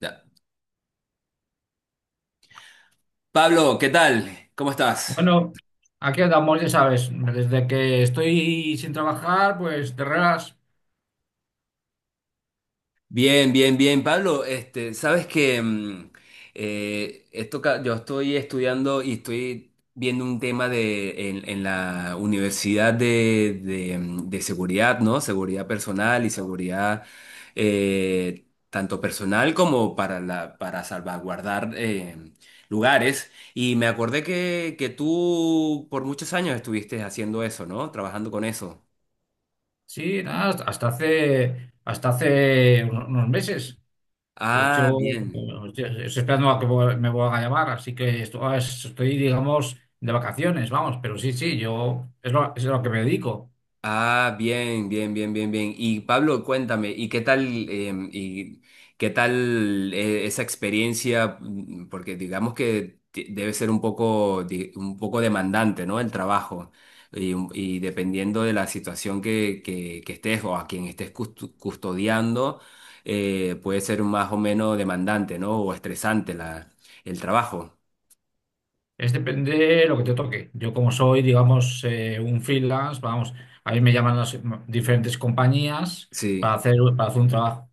Ya. Pablo, ¿qué tal? ¿Cómo estás? Bueno, aquí andamos, ya sabes, desde que estoy sin trabajar, pues te regas, Bien, bien, bien, Pablo. Este, sabes que yo estoy estudiando y estoy viendo un tema en la universidad de seguridad, ¿no? Seguridad personal y seguridad tanto personal como para salvaguardar lugares. Y me acordé que tú por muchos años estuviste haciendo eso, ¿no? Trabajando con eso. sí, nada, hasta hace unos meses. De Ah, hecho, bien. estoy esperando a que me vuelvan a llamar, así que estoy, digamos, de vacaciones, vamos, pero sí, sí, yo es lo, es a lo que me dedico. Ah, bien, bien, bien, bien, bien. Y Pablo, cuéntame, ¿y qué tal, y qué tal esa experiencia? Porque digamos que debe ser un poco, un poco demandante, ¿no? El trabajo. Y dependiendo de la situación que estés o a quien estés custodiando, puede ser más o menos demandante, ¿no? O estresante el trabajo. Es depende de lo que te toque. Yo como soy, digamos, un freelance, vamos, a mí me llaman diferentes compañías Sí. Para hacer un trabajo.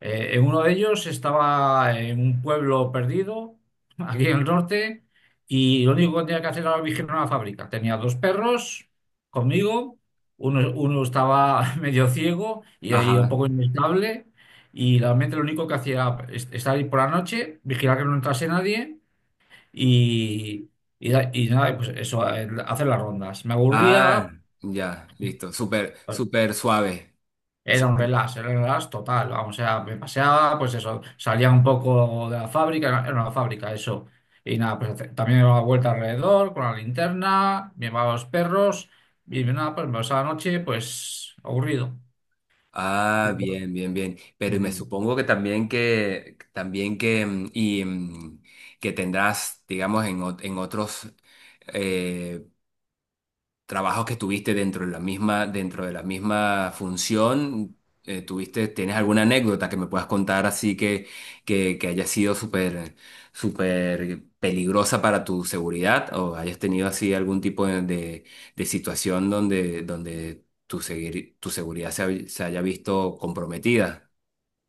En uno de ellos estaba en un pueblo perdido, aquí en el norte, y lo único que tenía que hacer era vigilar una fábrica. Tenía dos perros conmigo, uno estaba medio ciego y ahí un Ajá. poco inestable, y realmente lo único que hacía era estar ahí por la noche, vigilar que no entrase nadie y, y nada, pues eso, hacer las rondas. Me Ah, aburría, ya, listo. Súper, pues, súper suave. Era un relax total, vamos, o sea, me paseaba, pues eso, salía un poco de la fábrica, era una fábrica eso. Y nada, pues también me daba vuelta alrededor con la linterna, me llevaba los perros y nada, pues me pasaba la noche, pues aburrido. Ah, bien, bien, bien. Pero me Mm. supongo que también que también que mm, y mm, que tendrás, digamos, en otros eh, trabajos que tuviste dentro de la misma función, ¿tienes alguna anécdota que me puedas contar así que haya sido súper, súper peligrosa para tu seguridad o hayas tenido así algún tipo de situación donde tu seguridad se haya visto comprometida?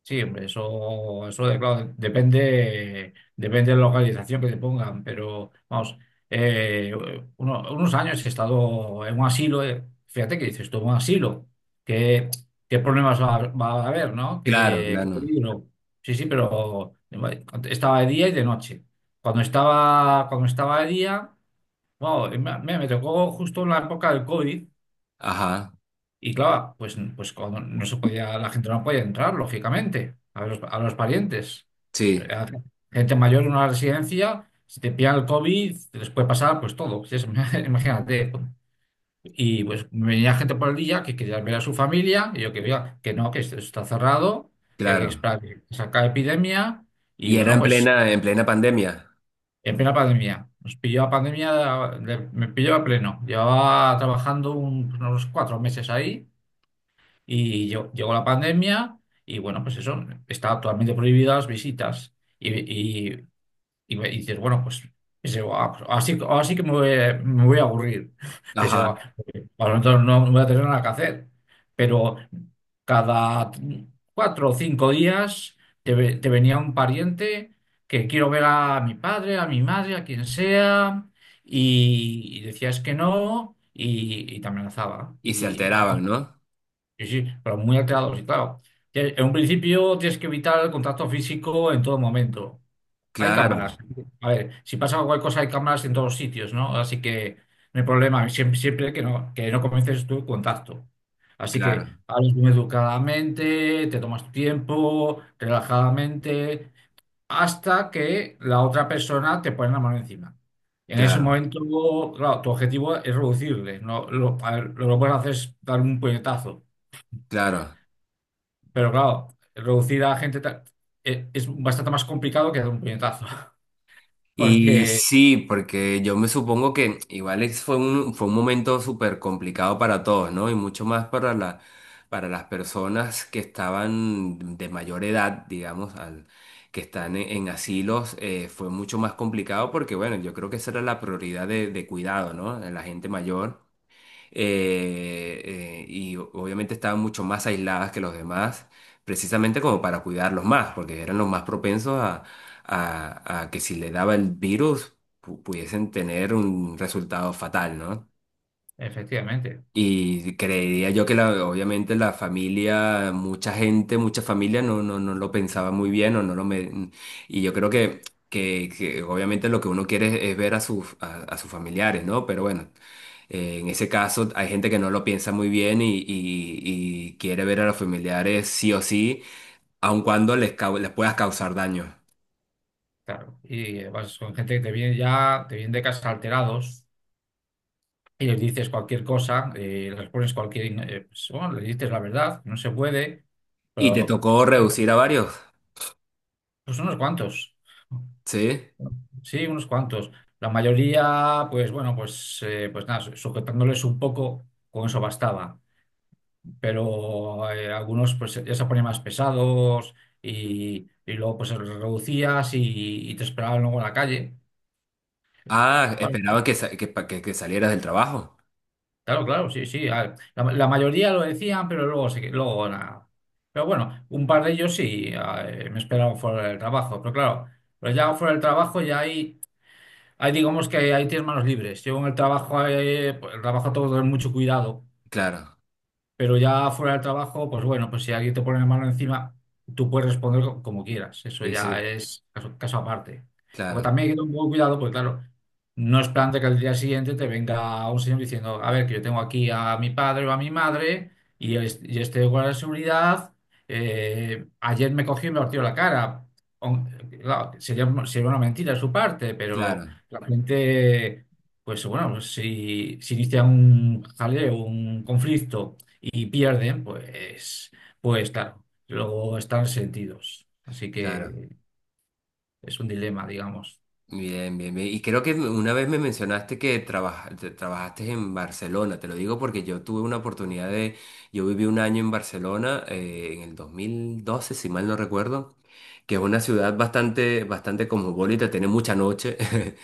Sí, hombre, claro, depende de la localización que te pongan, pero vamos, eh, unos años he estado en un asilo, fíjate que dices tú, un asilo, ¿qué, qué problemas va a haber, ¿no? Claro, ¿Qué claro. peligro? Sí, sí, pero estaba de día y de noche. Cuando estaba de día, bueno, me tocó justo en la época del COVID Ajá, y claro, pues cuando no se podía, la gente no podía entrar, lógicamente, a los parientes. sí, A Gente mayor en una residencia, si te pillan el COVID, les puede pasar pues todo. Si es- imagínate. Y pues venía gente por el día que quería ver a su familia, y yo que veía que no, que esto está cerrado, que hay que claro. esperar que se acabe la epidemia. Y Y era bueno, en pues plena, en plena pandemia. en plena pandemia. Nos pilló la pandemia, me pilló a pleno. Llevaba trabajando unos cuatro meses ahí. Y llegó la pandemia y bueno, pues eso, está totalmente prohibidas las visitas. Y, y dices, bueno, pues pensé, "Ah, pues así que me voy a aburrir." Pensé, "Ah, Ajá. bueno, entonces no voy a tener nada que hacer." Pero cada cuatro o cinco días te venía un pariente que quiero ver a mi padre, a mi madre, a quien sea, y decías que no. Y te amenazaba. Y se Y vamos, alteraban, ¿no? sí, sí, pero muy alterados. Y claro, que en un principio tienes que evitar el contacto físico en todo momento. Hay Claro, cámaras. A ver, si pasa cualquier cosa, hay cámaras en todos los sitios, ¿no? Así que no hay problema. Siempre que no comiences tu contacto. Así que claro. hablas muy educadamente, te tomas tu tiempo, relajadamente, hasta que la otra persona te pone la mano encima. En ese Claro, momento, claro, tu objetivo es reducirle, ¿no? A ver, lo que puedes hacer es dar un puñetazo. claro. Pero claro, reducir a gente es bastante más complicado que dar un puñetazo, Y porque sí, porque yo me supongo que igual fue un momento súper complicado para todos, ¿no? Y mucho más para las personas que estaban de mayor edad, digamos, que están en asilos, fue mucho más complicado porque, bueno, yo creo que esa era la prioridad de cuidado, ¿no? De la gente mayor. Y obviamente estaban mucho más aisladas que los demás, precisamente como para cuidarlos más, porque eran los más propensos a que si le daba el virus pudiesen tener un resultado fatal, ¿no? efectivamente, Y creería yo que obviamente la familia, mucha gente, mucha familia no lo pensaba muy bien o no lo me... Y yo creo que obviamente lo que uno quiere es ver a sus familiares, ¿no? Pero bueno, en ese caso hay gente que no lo piensa muy bien y, y quiere ver a los familiares sí o sí, aun cuando les puedas causar daño. claro, y vas con gente que te viene de casa alterados y les dices cualquier cosa, les pones pues, bueno, les dices la verdad, no se puede, ¿Y te pero tocó son, reducir a varios? pues, unos cuantos, Sí. sí, unos cuantos. La mayoría, pues bueno, pues, pues nada, sujetándoles un poco, con eso bastaba. Pero algunos pues ya se ponían más pesados y luego pues reducías y te esperaban luego en la calle. Ah, Bueno, esperaban que, sa- que, pa- que salieras del trabajo. claro, claro, sí, sí. La, la mayoría lo decían, pero luego, luego nada. Pero bueno, un par de ellos sí me esperaban fuera del trabajo. Pero claro, pues ya fuera del trabajo ya hay digamos que hay, tienes manos libres. Yo en el trabajo, pues, el trabajo todo es mucho cuidado. Claro. Pero ya fuera del trabajo, pues bueno, pues si alguien te pone la mano encima, tú puedes responder como quieras. Eso Sí, ya sí, es caso aparte. Porque claro. también hay que tener un poco de cuidado, porque claro, no es plan de que al día siguiente te venga un señor diciendo, a ver, que yo tengo aquí a mi padre o a mi madre y, y este guardia de seguridad ayer me cogió y me partió la cara. O- claro, sería una mentira de su parte, pero Claro, la gente, pues bueno, pues si inicia un jaleo, un conflicto y pierden, pues claro, luego están sentidos. Así claro. que es un dilema, digamos. Bien, bien, bien. Y creo que una vez me mencionaste que trabajaste en Barcelona. Te lo digo porque yo tuve una oportunidad de... Yo viví un año en Barcelona en el 2012, si mal no recuerdo, que es una ciudad bastante, bastante cosmopolita, tiene mucha noche.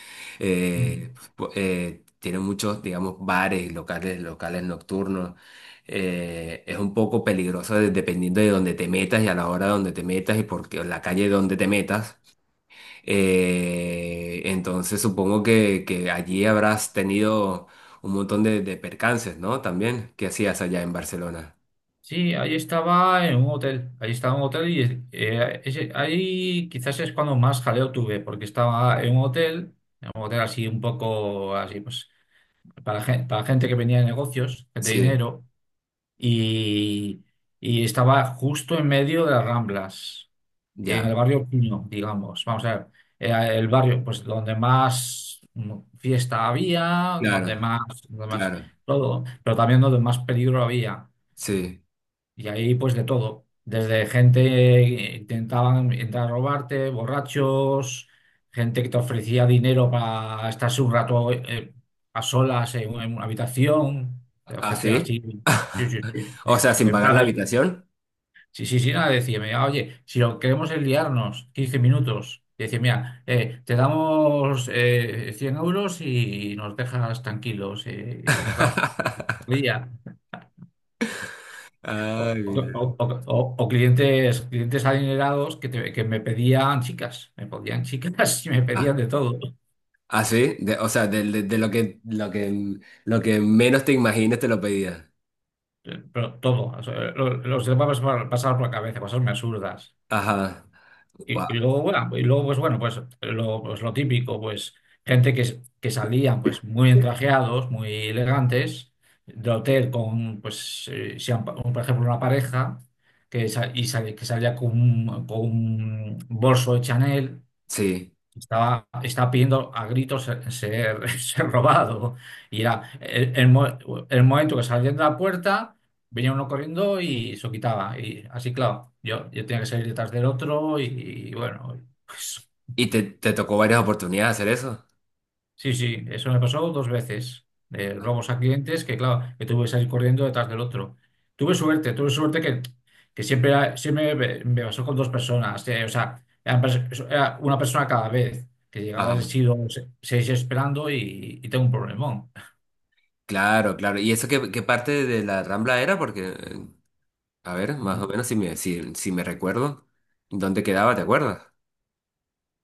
Mm. Tiene muchos, digamos, bares, locales nocturnos. Es un poco peligroso dependiendo de dónde te metas y a la hora donde te metas y la calle donde te metas. Entonces supongo que allí habrás tenido un montón de percances, ¿no? También, ¿qué hacías allá en Barcelona? Sí, ahí estaba en un hotel, ahí estaba en un hotel y ahí quizás es cuando más jaleo tuve, porque estaba en un hotel así un poco así, pues para gente que venía de negocios, gente de Sí, dinero. y, y estaba justo en medio de las Ramblas, en ya, el barrio Puño, digamos. Vamos a ver, el barrio pues donde más fiesta había, donde claro, más, donde más claro, todo, pero también donde más peligro había. sí. Y ahí pues de todo, desde gente que intentaban entrar a robarte, borrachos, gente que te ofrecía dinero para estarse un rato a solas en una habitación, te ¿Ah, ofrecían sí? así, sí, sí, sí, O sea, sin en pagar plan, la habitación. sí, sí, sí, nada, decía, mira, oye, si lo que queremos es liarnos 15 minutos, y decía, mira, te damos 100 € y nos dejas tranquilos, claro, día. O, Ay, o- mira. o- o- o clientes, adinerados que, que me pedían chicas, me podían chicas y me pedían Ah, de todo, ah, sí, o sea, de lo que, lo que menos te imagines te lo pedía. pero todo, o sea, los demás pasar por la cabeza, cosas muy absurdas. Ajá, Y, guau, y luego, bueno, pues bueno, pues lo típico, pues gente que, que salían pues muy entrajeados, muy elegantes, de hotel con, pues, si han- por ejemplo, una pareja que, que salía con un bolso de Chanel. sí. Estaba pidiendo a gritos ser robado. Y era el momento que salían de la puerta, venía uno corriendo y se lo quitaba. Y así, claro, yo tenía que salir detrás del otro y, bueno, pues, ¿Y te tocó varias oportunidades hacer eso? sí, sí, eso me pasó dos veces. Ah, Robos a clientes que, claro, que tuve que salir corriendo detrás del otro. Tuve suerte que, siempre, siempre me pasó con dos personas. O sea, eran era una persona cada vez que llegaba, he ajá, sido seis esperando y tengo un problemón. claro, claro. ¿Y eso qué, parte de la Rambla era? Porque, a ver, más Ujú. o menos si me recuerdo, ¿dónde quedaba? ¿Te acuerdas?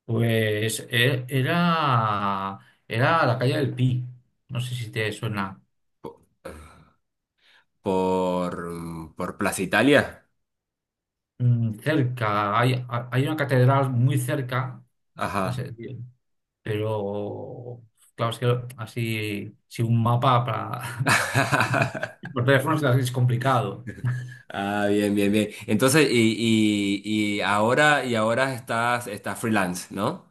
Pues era la calle del Pi. No sé si te suena. Po- por Plaza Italia. Cerca, hay una catedral muy cerca. Ajá. Pero, claro, es que así, si un mapa para... Por teléfono es casi es complicado. Ah, bien, bien, bien. Entonces, y ahora estás freelance, ¿no?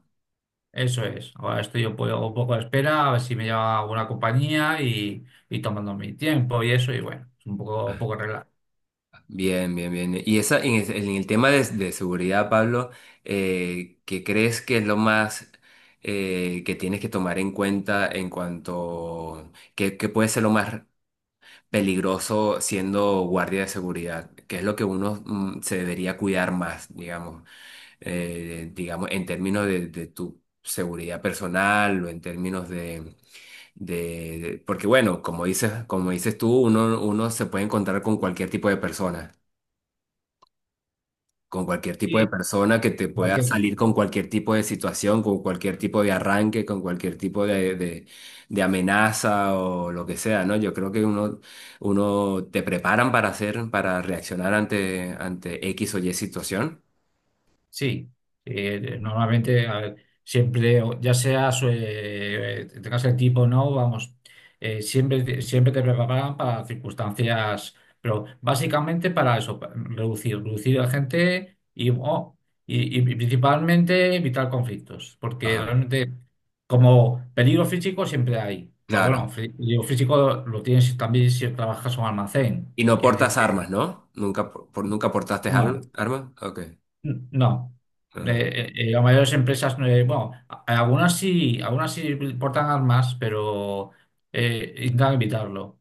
Eso es. Ahora estoy un poco a la espera, a ver si me llama alguna compañía y tomando mi tiempo y eso, y bueno, es un poco relax. Bien, bien, bien. Y en el tema de seguridad, Pablo, ¿qué crees que es lo más que tienes que tomar en cuenta en cuanto puede ser lo más peligroso siendo guardia de seguridad? ¿Qué es lo que uno se debería cuidar más, digamos, digamos, en términos de tu seguridad personal o en términos de porque bueno, como dices tú, uno se puede encontrar con cualquier tipo de persona. Con cualquier tipo de Sí, persona que te pueda cualquier salir tiempo. con cualquier tipo de situación, con cualquier tipo de arranque, con cualquier tipo de amenaza o lo que sea, ¿no? Yo creo que uno te preparan para reaccionar ante X o Y situación. Sí, normalmente a ver, siempre, tengas el tipo o no, vamos, siempre, siempre te preparan para circunstancias, pero básicamente para eso, reducir a gente y principalmente evitar conflictos, porque Ajá, realmente como peligro físico siempre hay, pero bueno, claro. Peligro físico lo tienes también si trabajas en un almacén, Y no quiere portas decir armas, que ¿no? Nunca, nunca portaste no. armas. OK. No. Ajá. Las mayores empresas, algunas sí portan armas, pero intentan evitarlo.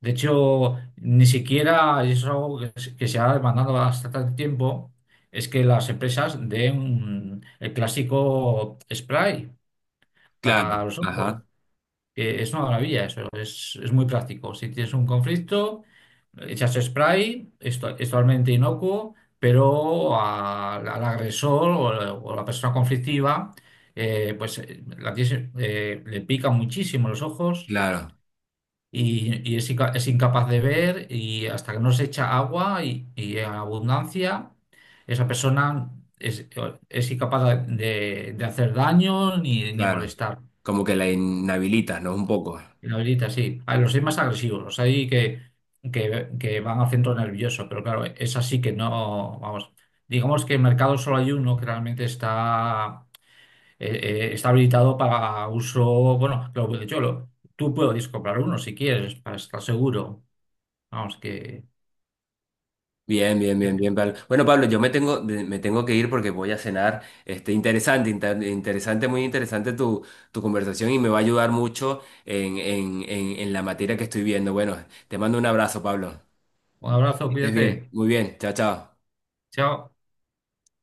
De hecho, ni siquiera, y eso es algo se que se ha demandado bastante tiempo, es que las empresas den el clásico spray Claro, para los ojos ajá, que es una maravilla eso, es muy práctico. Si tienes un conflicto, echas spray, esto es totalmente inocuo, pero al agresor o la persona conflictiva, la tienes, le pica muchísimo los ojos claro, y es, es incapaz de ver y hasta que no se echa agua y en abundancia, esa persona es, es, incapaz de hacer daño ni claro. molestar. Como que la inhabilitas, ¿no? Un poco. La habilita, sí. A los hay más agresivos, los hay que, que van al centro nervioso, pero claro, es así que no, vamos, digamos que en mercado solo hay uno que realmente está, está habilitado para uso, bueno, lo, de hecho, tú puedes comprar uno si quieres, para estar seguro. Vamos, Bien, bien, que bien, que- bien, Pablo. Bueno, Pablo, yo me tengo, de- me tengo que ir porque voy a cenar. Este, interesante, muy interesante tu conversación y me va a ayudar mucho en la materia que estoy viendo. Bueno, te mando un abrazo, Pablo. un abrazo, Que estés bien, cuídate, muy bien. Chao, chao. chao.